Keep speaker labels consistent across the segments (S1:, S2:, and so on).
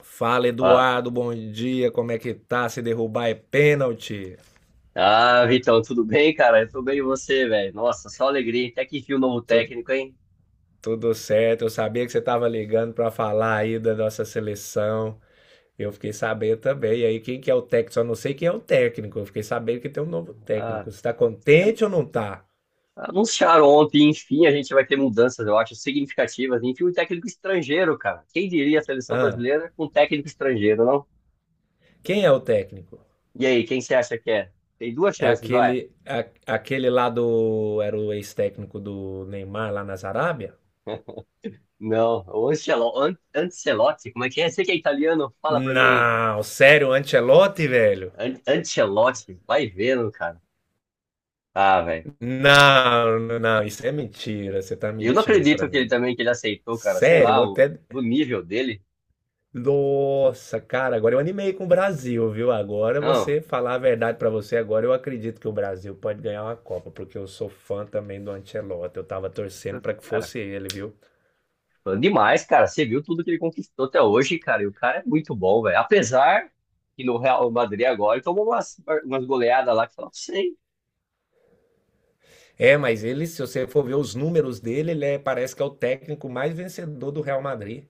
S1: Fala,
S2: Ah,
S1: Eduardo, bom dia, como é que tá? Se derrubar é pênalti.
S2: ah, Vitão, tudo bem, cara? Eu tô bem e você, velho? Nossa, só alegria. Até que enfim o novo
S1: Tu-
S2: técnico, hein?
S1: tudo certo, eu sabia que você tava ligando pra falar aí da nossa seleção. Eu fiquei sabendo também. E aí, quem que é o técnico? Só não sei quem é o técnico. Eu fiquei sabendo que tem um novo
S2: Ah,
S1: técnico. Você tá
S2: já
S1: contente ou não tá?
S2: anunciaram ontem, enfim, a gente vai ter mudanças, eu acho, significativas. Enfim, um técnico estrangeiro, cara. Quem diria a seleção
S1: Hã?
S2: brasileira com um técnico estrangeiro, não?
S1: Quem é o técnico?
S2: E aí, quem você acha que é? Tem duas
S1: É
S2: chances, vai.
S1: aquele lá do. Era o ex-técnico do Neymar lá na Arábia?
S2: Não, o Ancelotti, como é que é? Você que é italiano, fala pra mim aí.
S1: Não, sério, o Ancelotti, velho?
S2: Ancelotti, vai vendo, cara. Ah, velho.
S1: Não, não, não, isso é mentira. Você tá
S2: E eu não
S1: mentindo pra
S2: acredito que ele
S1: mim.
S2: também, que ele aceitou, cara. Sei
S1: Sério, vou
S2: lá,
S1: até.
S2: do nível dele.
S1: Nossa, cara, agora eu animei com o Brasil, viu? Agora
S2: Não,
S1: você falar a verdade pra você, agora eu acredito que o Brasil pode ganhar uma Copa, porque eu sou fã também do Ancelotti. Eu tava torcendo pra que
S2: cara,
S1: fosse ele, viu?
S2: fã demais, cara. Você viu tudo que ele conquistou até hoje, cara. E o cara é muito bom, velho. Apesar que no Real Madrid agora ele tomou umas goleadas lá que fala, sei,
S1: É, mas ele, se você for ver os números dele, parece que é o técnico mais vencedor do Real Madrid.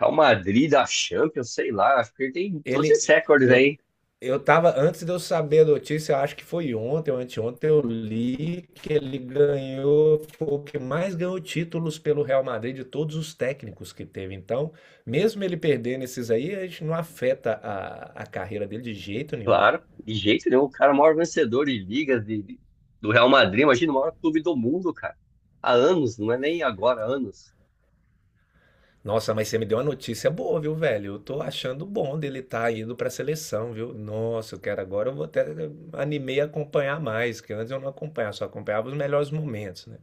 S2: Real Madrid da Champions, sei lá. Acho que ele tem todos esses
S1: Ele,
S2: recordes
S1: eu,
S2: aí.
S1: eu tava, antes de eu saber a notícia, eu acho que foi ontem ou anteontem, eu li que ele ganhou, foi o que mais ganhou títulos pelo Real Madrid de todos os técnicos que teve. Então, mesmo ele perdendo esses aí, a gente não afeta a carreira dele de jeito nenhum.
S2: Claro, de jeito nenhum. O cara é o maior vencedor de ligas do Real Madrid. Imagina o maior clube do mundo, cara. Há anos, não é nem agora, há anos.
S1: Nossa, mas você me deu uma notícia boa, viu, velho? Eu tô achando bom dele estar tá indo pra seleção, viu? Nossa, eu quero agora, eu vou até animei a acompanhar mais, que antes eu não acompanhava, só acompanhava os melhores momentos, né?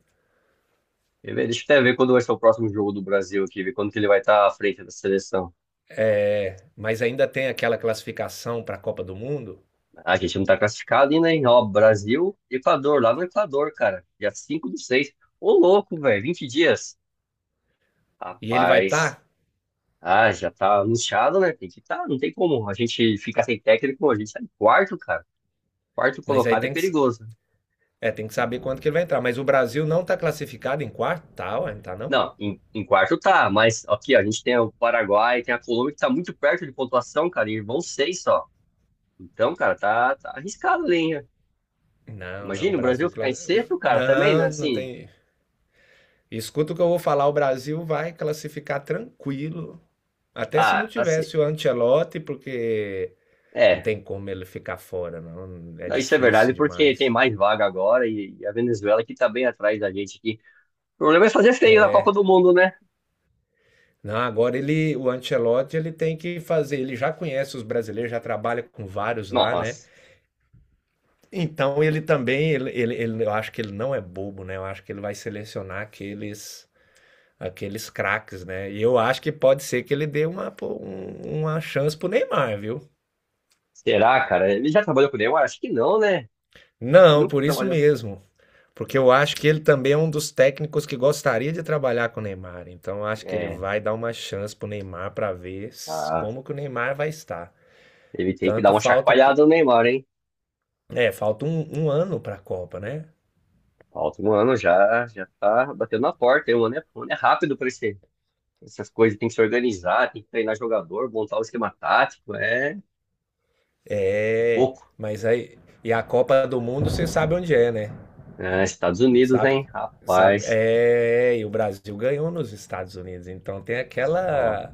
S2: Quer ver? Deixa eu até ver quando vai ser o próximo jogo do Brasil aqui, ver quando que ele vai estar à frente da seleção.
S1: É, mas ainda tem aquela classificação para a Copa do Mundo
S2: A gente não tá classificado ainda, hein? Ó, Brasil, Equador, lá no Equador, cara. Dia 5 do 6. Ô, louco, velho, 20 dias.
S1: e ele vai estar,
S2: Rapaz.
S1: tá,
S2: Ah, já tá anunciado, né? Tem que tá, não tem como. A gente ficar sem técnico, a gente tá em quarto, cara. Quarto
S1: mas aí
S2: colocado é
S1: tem que,
S2: perigoso.
S1: é, tem que saber quando que ele vai entrar. Mas o Brasil não está classificado em quarto, tá, ué, não tá não?
S2: Não, em quarto tá, mas aqui, ó, a gente tem o Paraguai, tem a Colômbia que tá muito perto de pontuação, cara, e vão seis só. Então, cara, tá, tá arriscado ali, hein?
S1: Não, não,
S2: Imagina o Brasil ficar em sexto, cara, também, né?
S1: Não, não
S2: Assim,
S1: tem. Escuta o que eu vou falar, o Brasil vai classificar tranquilo, até se não
S2: ah, assim.
S1: tivesse o Ancelotti, porque não
S2: É,
S1: tem como ele ficar fora, não, é
S2: não, isso é verdade,
S1: difícil
S2: porque tem
S1: demais.
S2: mais vaga agora e a Venezuela que tá bem atrás da gente aqui. O problema é fazer feio na Copa do Mundo, né?
S1: Não, agora ele, o Ancelotti, ele tem que fazer, ele já conhece os brasileiros, já trabalha com vários lá, né?
S2: Nossa,
S1: Então ele também, eu acho que ele não é bobo, né? Eu acho que ele vai selecionar aqueles craques, né? E eu acho que pode ser que ele dê uma, pô, uma chance pro Neymar, viu?
S2: será, cara? Ele já trabalhou com o Neymar? Acho que não, né? Acho que
S1: Não,
S2: nunca
S1: por isso
S2: trabalhou.
S1: mesmo. Porque eu acho que ele também é um dos técnicos que gostaria de trabalhar com o Neymar. Então eu acho que ele
S2: É,
S1: vai dar uma chance pro Neymar para ver
S2: tá.
S1: como que o Neymar vai estar.
S2: Ele tem que dar
S1: Tanto
S2: uma
S1: falta o quê?
S2: chacoalhada no Neymar, hein?
S1: É, falta um ano para a Copa, né?
S2: Falta um ano já, já tá batendo na porta, hein? Um ano é rápido pra essas coisas. Tem que se organizar, tem que treinar jogador, montar o esquema tático. É, é
S1: É,
S2: pouco.
S1: mas aí. E a Copa do Mundo você sabe onde é, né?
S2: É, Estados Unidos,
S1: Sabe?
S2: hein?
S1: Sabe?
S2: Rapaz,
S1: É, e o Brasil ganhou nos Estados Unidos, então tem
S2: só.
S1: aquela.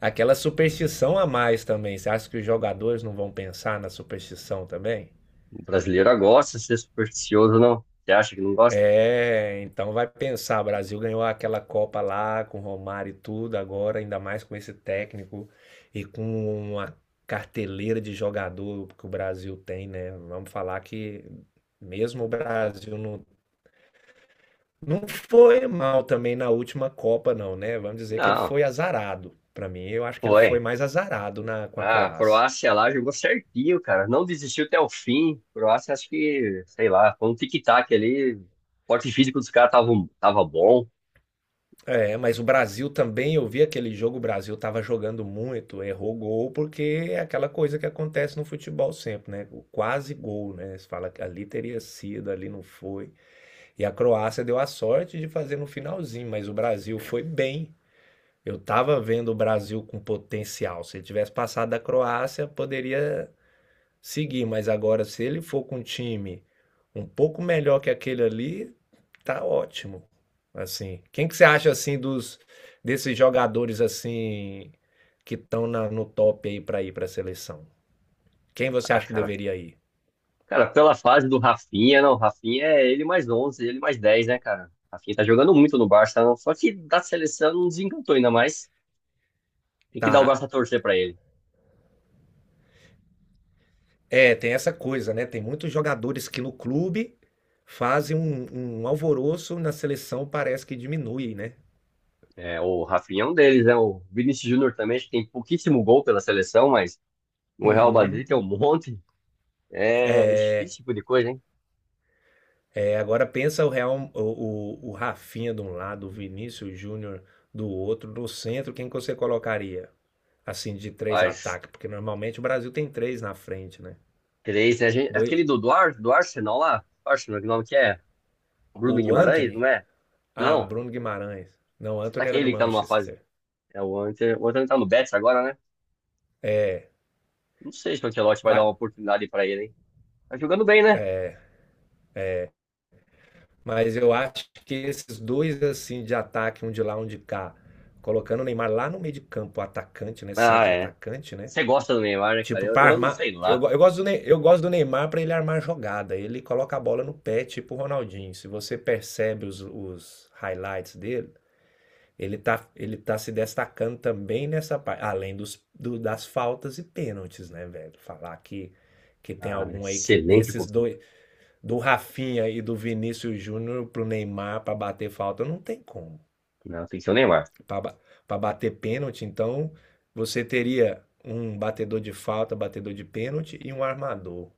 S1: Aquela superstição a mais também. Você acha que os jogadores não vão pensar na superstição também?
S2: O brasileiro gosta de ser supersticioso, não? Você acha que não gosta?
S1: É, então vai pensar, o Brasil ganhou aquela Copa lá com o Romário e tudo, agora ainda mais com esse técnico e com uma carteleira de jogador que o Brasil tem, né? Vamos falar que mesmo o Brasil não, não foi mal também na última Copa, não, né? Vamos dizer que ele
S2: Não,
S1: foi azarado. Para mim, eu acho que ele foi
S2: foi.
S1: mais azarado na, com a
S2: Ah, a
S1: Croácia.
S2: Croácia lá jogou certinho, cara. Não desistiu até o fim. A Croácia, acho que, sei lá, foi um tic-tac ali. O porte físico dos caras tava bom.
S1: É, mas o Brasil também, eu vi aquele jogo, o Brasil estava jogando muito, errou gol, porque é aquela coisa que acontece no futebol sempre, né? O quase gol, né? Você fala que ali teria sido, ali não foi. E a Croácia deu a sorte de fazer no finalzinho, mas o Brasil
S2: É.
S1: foi bem. Eu estava vendo o Brasil com potencial. Se ele tivesse passado da Croácia, poderia seguir, mas agora se ele for com um time um pouco melhor que aquele ali, tá ótimo. Assim, quem que você acha assim dos desses jogadores assim que estão no top aí para ir para a seleção? Quem você
S2: Ah,
S1: acha que
S2: cara.
S1: deveria ir?
S2: Cara, pela fase do Rafinha, não. Rafinha é ele mais 11, ele mais 10, né, cara? Rafinha tá jogando muito no Barça, não. Só que da seleção não desencantou ainda mais. Tem que dar o
S1: Tá.
S2: braço a torcer pra ele.
S1: É, tem essa coisa, né? Tem muitos jogadores que no clube fazem um alvoroço, na seleção parece que diminui, né?
S2: É, o Rafinha é um deles, né? O Vinícius Júnior também, acho que tem pouquíssimo gol pela seleção, mas o Real Madrid
S1: Uhum.
S2: tem um monte. É difícil esse tipo de coisa, hein?
S1: É, agora pensa o Real, o Rafinha de um lado, o Vinícius Júnior do outro, no centro, quem que você colocaria? Assim, de três
S2: Mas
S1: ataques, porque normalmente o Brasil tem três na frente, né?
S2: três, né? A gente-
S1: Doi-
S2: aquele do Arsenal lá. Arsenal, que nome que é? Bruno
S1: o
S2: Guimarães,
S1: Anthony?
S2: não é?
S1: Ah,
S2: Não.
S1: Bruno Guimarães. Não, o
S2: Será
S1: Anthony
S2: que é
S1: era do
S2: ele que tá numa fase?
S1: Manchester.
S2: É o Inter. O Inter tá no Betis agora, né? Não sei se o Ancelotti vai dar
S1: Vai-
S2: uma oportunidade pra ele, hein? Tá jogando bem, né?
S1: mas eu acho que esses dois, assim, de ataque, um de lá, um de cá, colocando o Neymar lá no meio de campo, atacante, né?
S2: Ah,
S1: Centro
S2: é.
S1: atacante, né?
S2: Você gosta do Neymar, né, cara?
S1: Tipo,
S2: Eu,
S1: para
S2: eu não sei
S1: armar. Eu,
S2: lá.
S1: go- eu gosto do Ney- eu gosto do Neymar para ele armar jogada. Ele coloca a bola no pé, tipo o Ronaldinho. Se você percebe os highlights dele, ele tá se destacando também nessa parte. Além das faltas e pênaltis, né, velho? Falar que tem
S2: Ah,
S1: algum aí que
S2: excelente
S1: desses
S2: oportunidade.
S1: dois, do Rafinha e do Vinícius Júnior pro Neymar para bater falta, não tem como
S2: Não, tem que ser o Neymar.
S1: para bater pênalti, então você teria um batedor de falta, batedor de pênalti e um armador,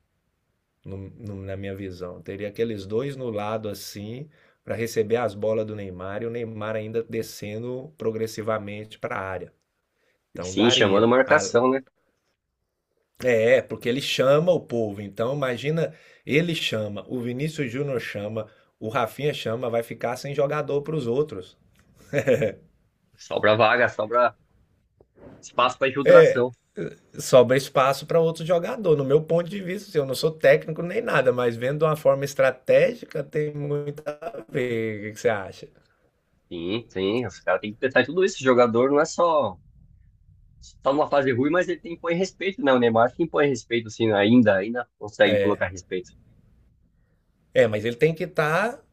S1: na minha visão. Teria aqueles dois no lado assim para receber as bolas do Neymar e o Neymar ainda descendo progressivamente para a área.
S2: E
S1: Então
S2: sim, chamando
S1: daria. A-
S2: marcação, né?
S1: É, é, porque ele chama o povo. Então imagina, ele chama, o Vinícius Júnior chama, o Rafinha chama, vai ficar sem jogador para os outros.
S2: Sobra vaga, sobra espaço pra infiltração.
S1: Sobra espaço para outro jogador. No meu ponto de vista, assim, eu não sou técnico nem nada, mas vendo de uma forma estratégica tem muito a ver. O que que você acha?
S2: Sim, sim, os caras têm que pensar em tudo isso. O jogador não é só numa fase ruim, mas ele tem que pôr respeito, né? O Neymar que impõe respeito, assim, ainda, ainda consegue colocar respeito.
S1: É, mas ele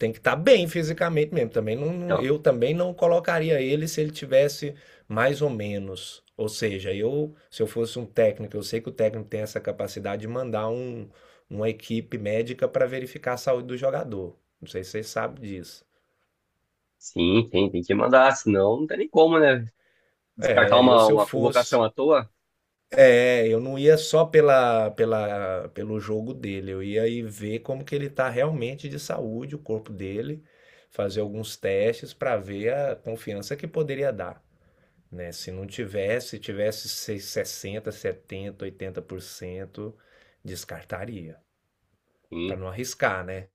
S1: tem que estar bem fisicamente mesmo. Também não,
S2: Então,
S1: eu também não colocaria ele se ele tivesse mais ou menos. Ou seja, eu, se eu fosse um técnico, eu sei que o técnico tem essa capacidade de mandar uma equipe médica para verificar a saúde do jogador. Não sei se vocês sabem disso.
S2: sim, tem que mandar, senão não tem nem como, né? Descartar
S1: É, eu
S2: uma,
S1: se eu
S2: uma
S1: fosse
S2: convocação à toa.
S1: É, eu não ia só pelo jogo dele, eu ia aí ver como que ele tá realmente de saúde, o corpo dele, fazer alguns testes para ver a confiança que poderia dar, né? Se não tivesse, se tivesse 60, 70, 80%, descartaria, para
S2: Sim.
S1: não arriscar, né?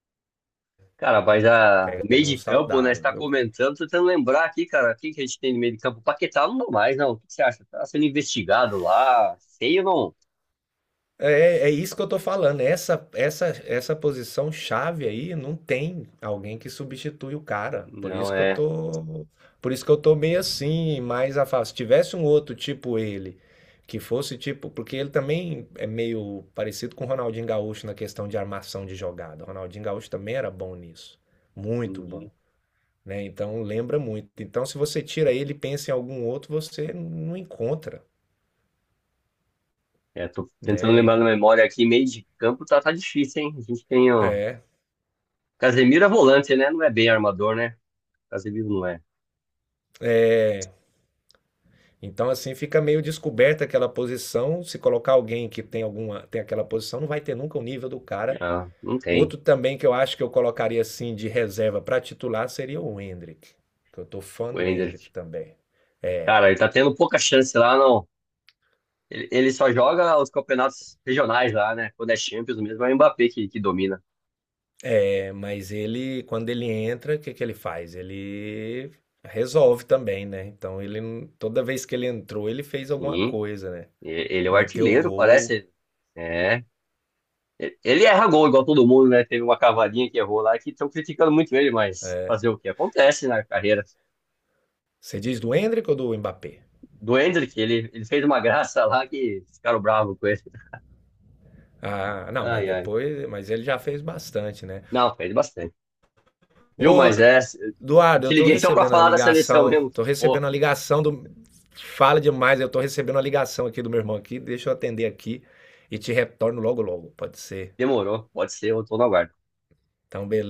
S2: Cara, mas a meio
S1: Pegaria um
S2: de campo, né? Você
S1: saudável.
S2: tá
S1: Eu
S2: comentando, tô tentando lembrar aqui, cara, quem que a gente tem no meio de campo? Paquetá não dá mais, não. O que você acha? Tá sendo investigado lá, sei ou não?
S1: É, é isso que eu tô falando. Essa posição chave aí não tem alguém que substitui o cara. Por
S2: Não,
S1: isso que eu
S2: é.
S1: tô, por isso que eu tô meio assim, mais afastado. Se tivesse um outro tipo ele, que fosse tipo, porque ele também é meio parecido com o Ronaldinho Gaúcho na questão de armação de jogada. O Ronaldinho Gaúcho também era bom nisso, muito
S2: Uhum.
S1: bom, né? Então lembra muito. Então se você tira ele e pensa em algum outro, você não encontra,
S2: É, tô tentando lembrar
S1: né?
S2: na memória aqui, meio de campo tá, tá difícil, hein? A gente tem ó,
S1: É.
S2: Casemiro é volante, né? Não é bem armador, né? Casemiro não é.
S1: É. Então, assim, fica meio descoberta aquela posição. Se colocar alguém que tem alguma, tem aquela posição, não vai ter nunca o nível do cara.
S2: Ah, não tem.
S1: Outro também que eu acho que eu colocaria assim de reserva para titular seria o Endrick, que eu tô fã
S2: O
S1: do
S2: Ender.
S1: Endrick também.
S2: Cara, ele tá tendo pouca chance lá, não. Ele só joga os campeonatos regionais lá, né? Quando é Champions mesmo, é o Mbappé que domina.
S1: É, mas ele, quando ele entra, o que que ele faz? Ele resolve também, né? Então, ele toda vez que ele entrou, ele fez alguma
S2: Sim,
S1: coisa, né?
S2: e- ele é o
S1: Meteu o
S2: artilheiro,
S1: gol.
S2: parece. É. Ele erra gol igual todo mundo, né? Teve uma cavadinha que errou lá que estão criticando muito ele, mas fazer o que acontece na carreira.
S1: Você diz do Endrick ou do Mbappé?
S2: Do Hendrick, ele fez uma graça lá que ficaram bravos com ele.
S1: Ah, não, mas
S2: Ai, ai.
S1: depois, mas ele já fez bastante, né?
S2: Não, fez bastante. Viu,
S1: Ô,
S2: mas é.
S1: Eduardo,
S2: Te
S1: eu tô
S2: liguei só pra
S1: recebendo a
S2: falar da seleção
S1: ligação,
S2: mesmo.
S1: tô
S2: Pô,
S1: recebendo a ligação do. Fala demais, eu tô recebendo a ligação aqui do meu irmão aqui, deixa eu atender aqui e te retorno logo logo, pode ser.
S2: demorou. Pode ser, eu tô na guarda.
S1: Então, beleza.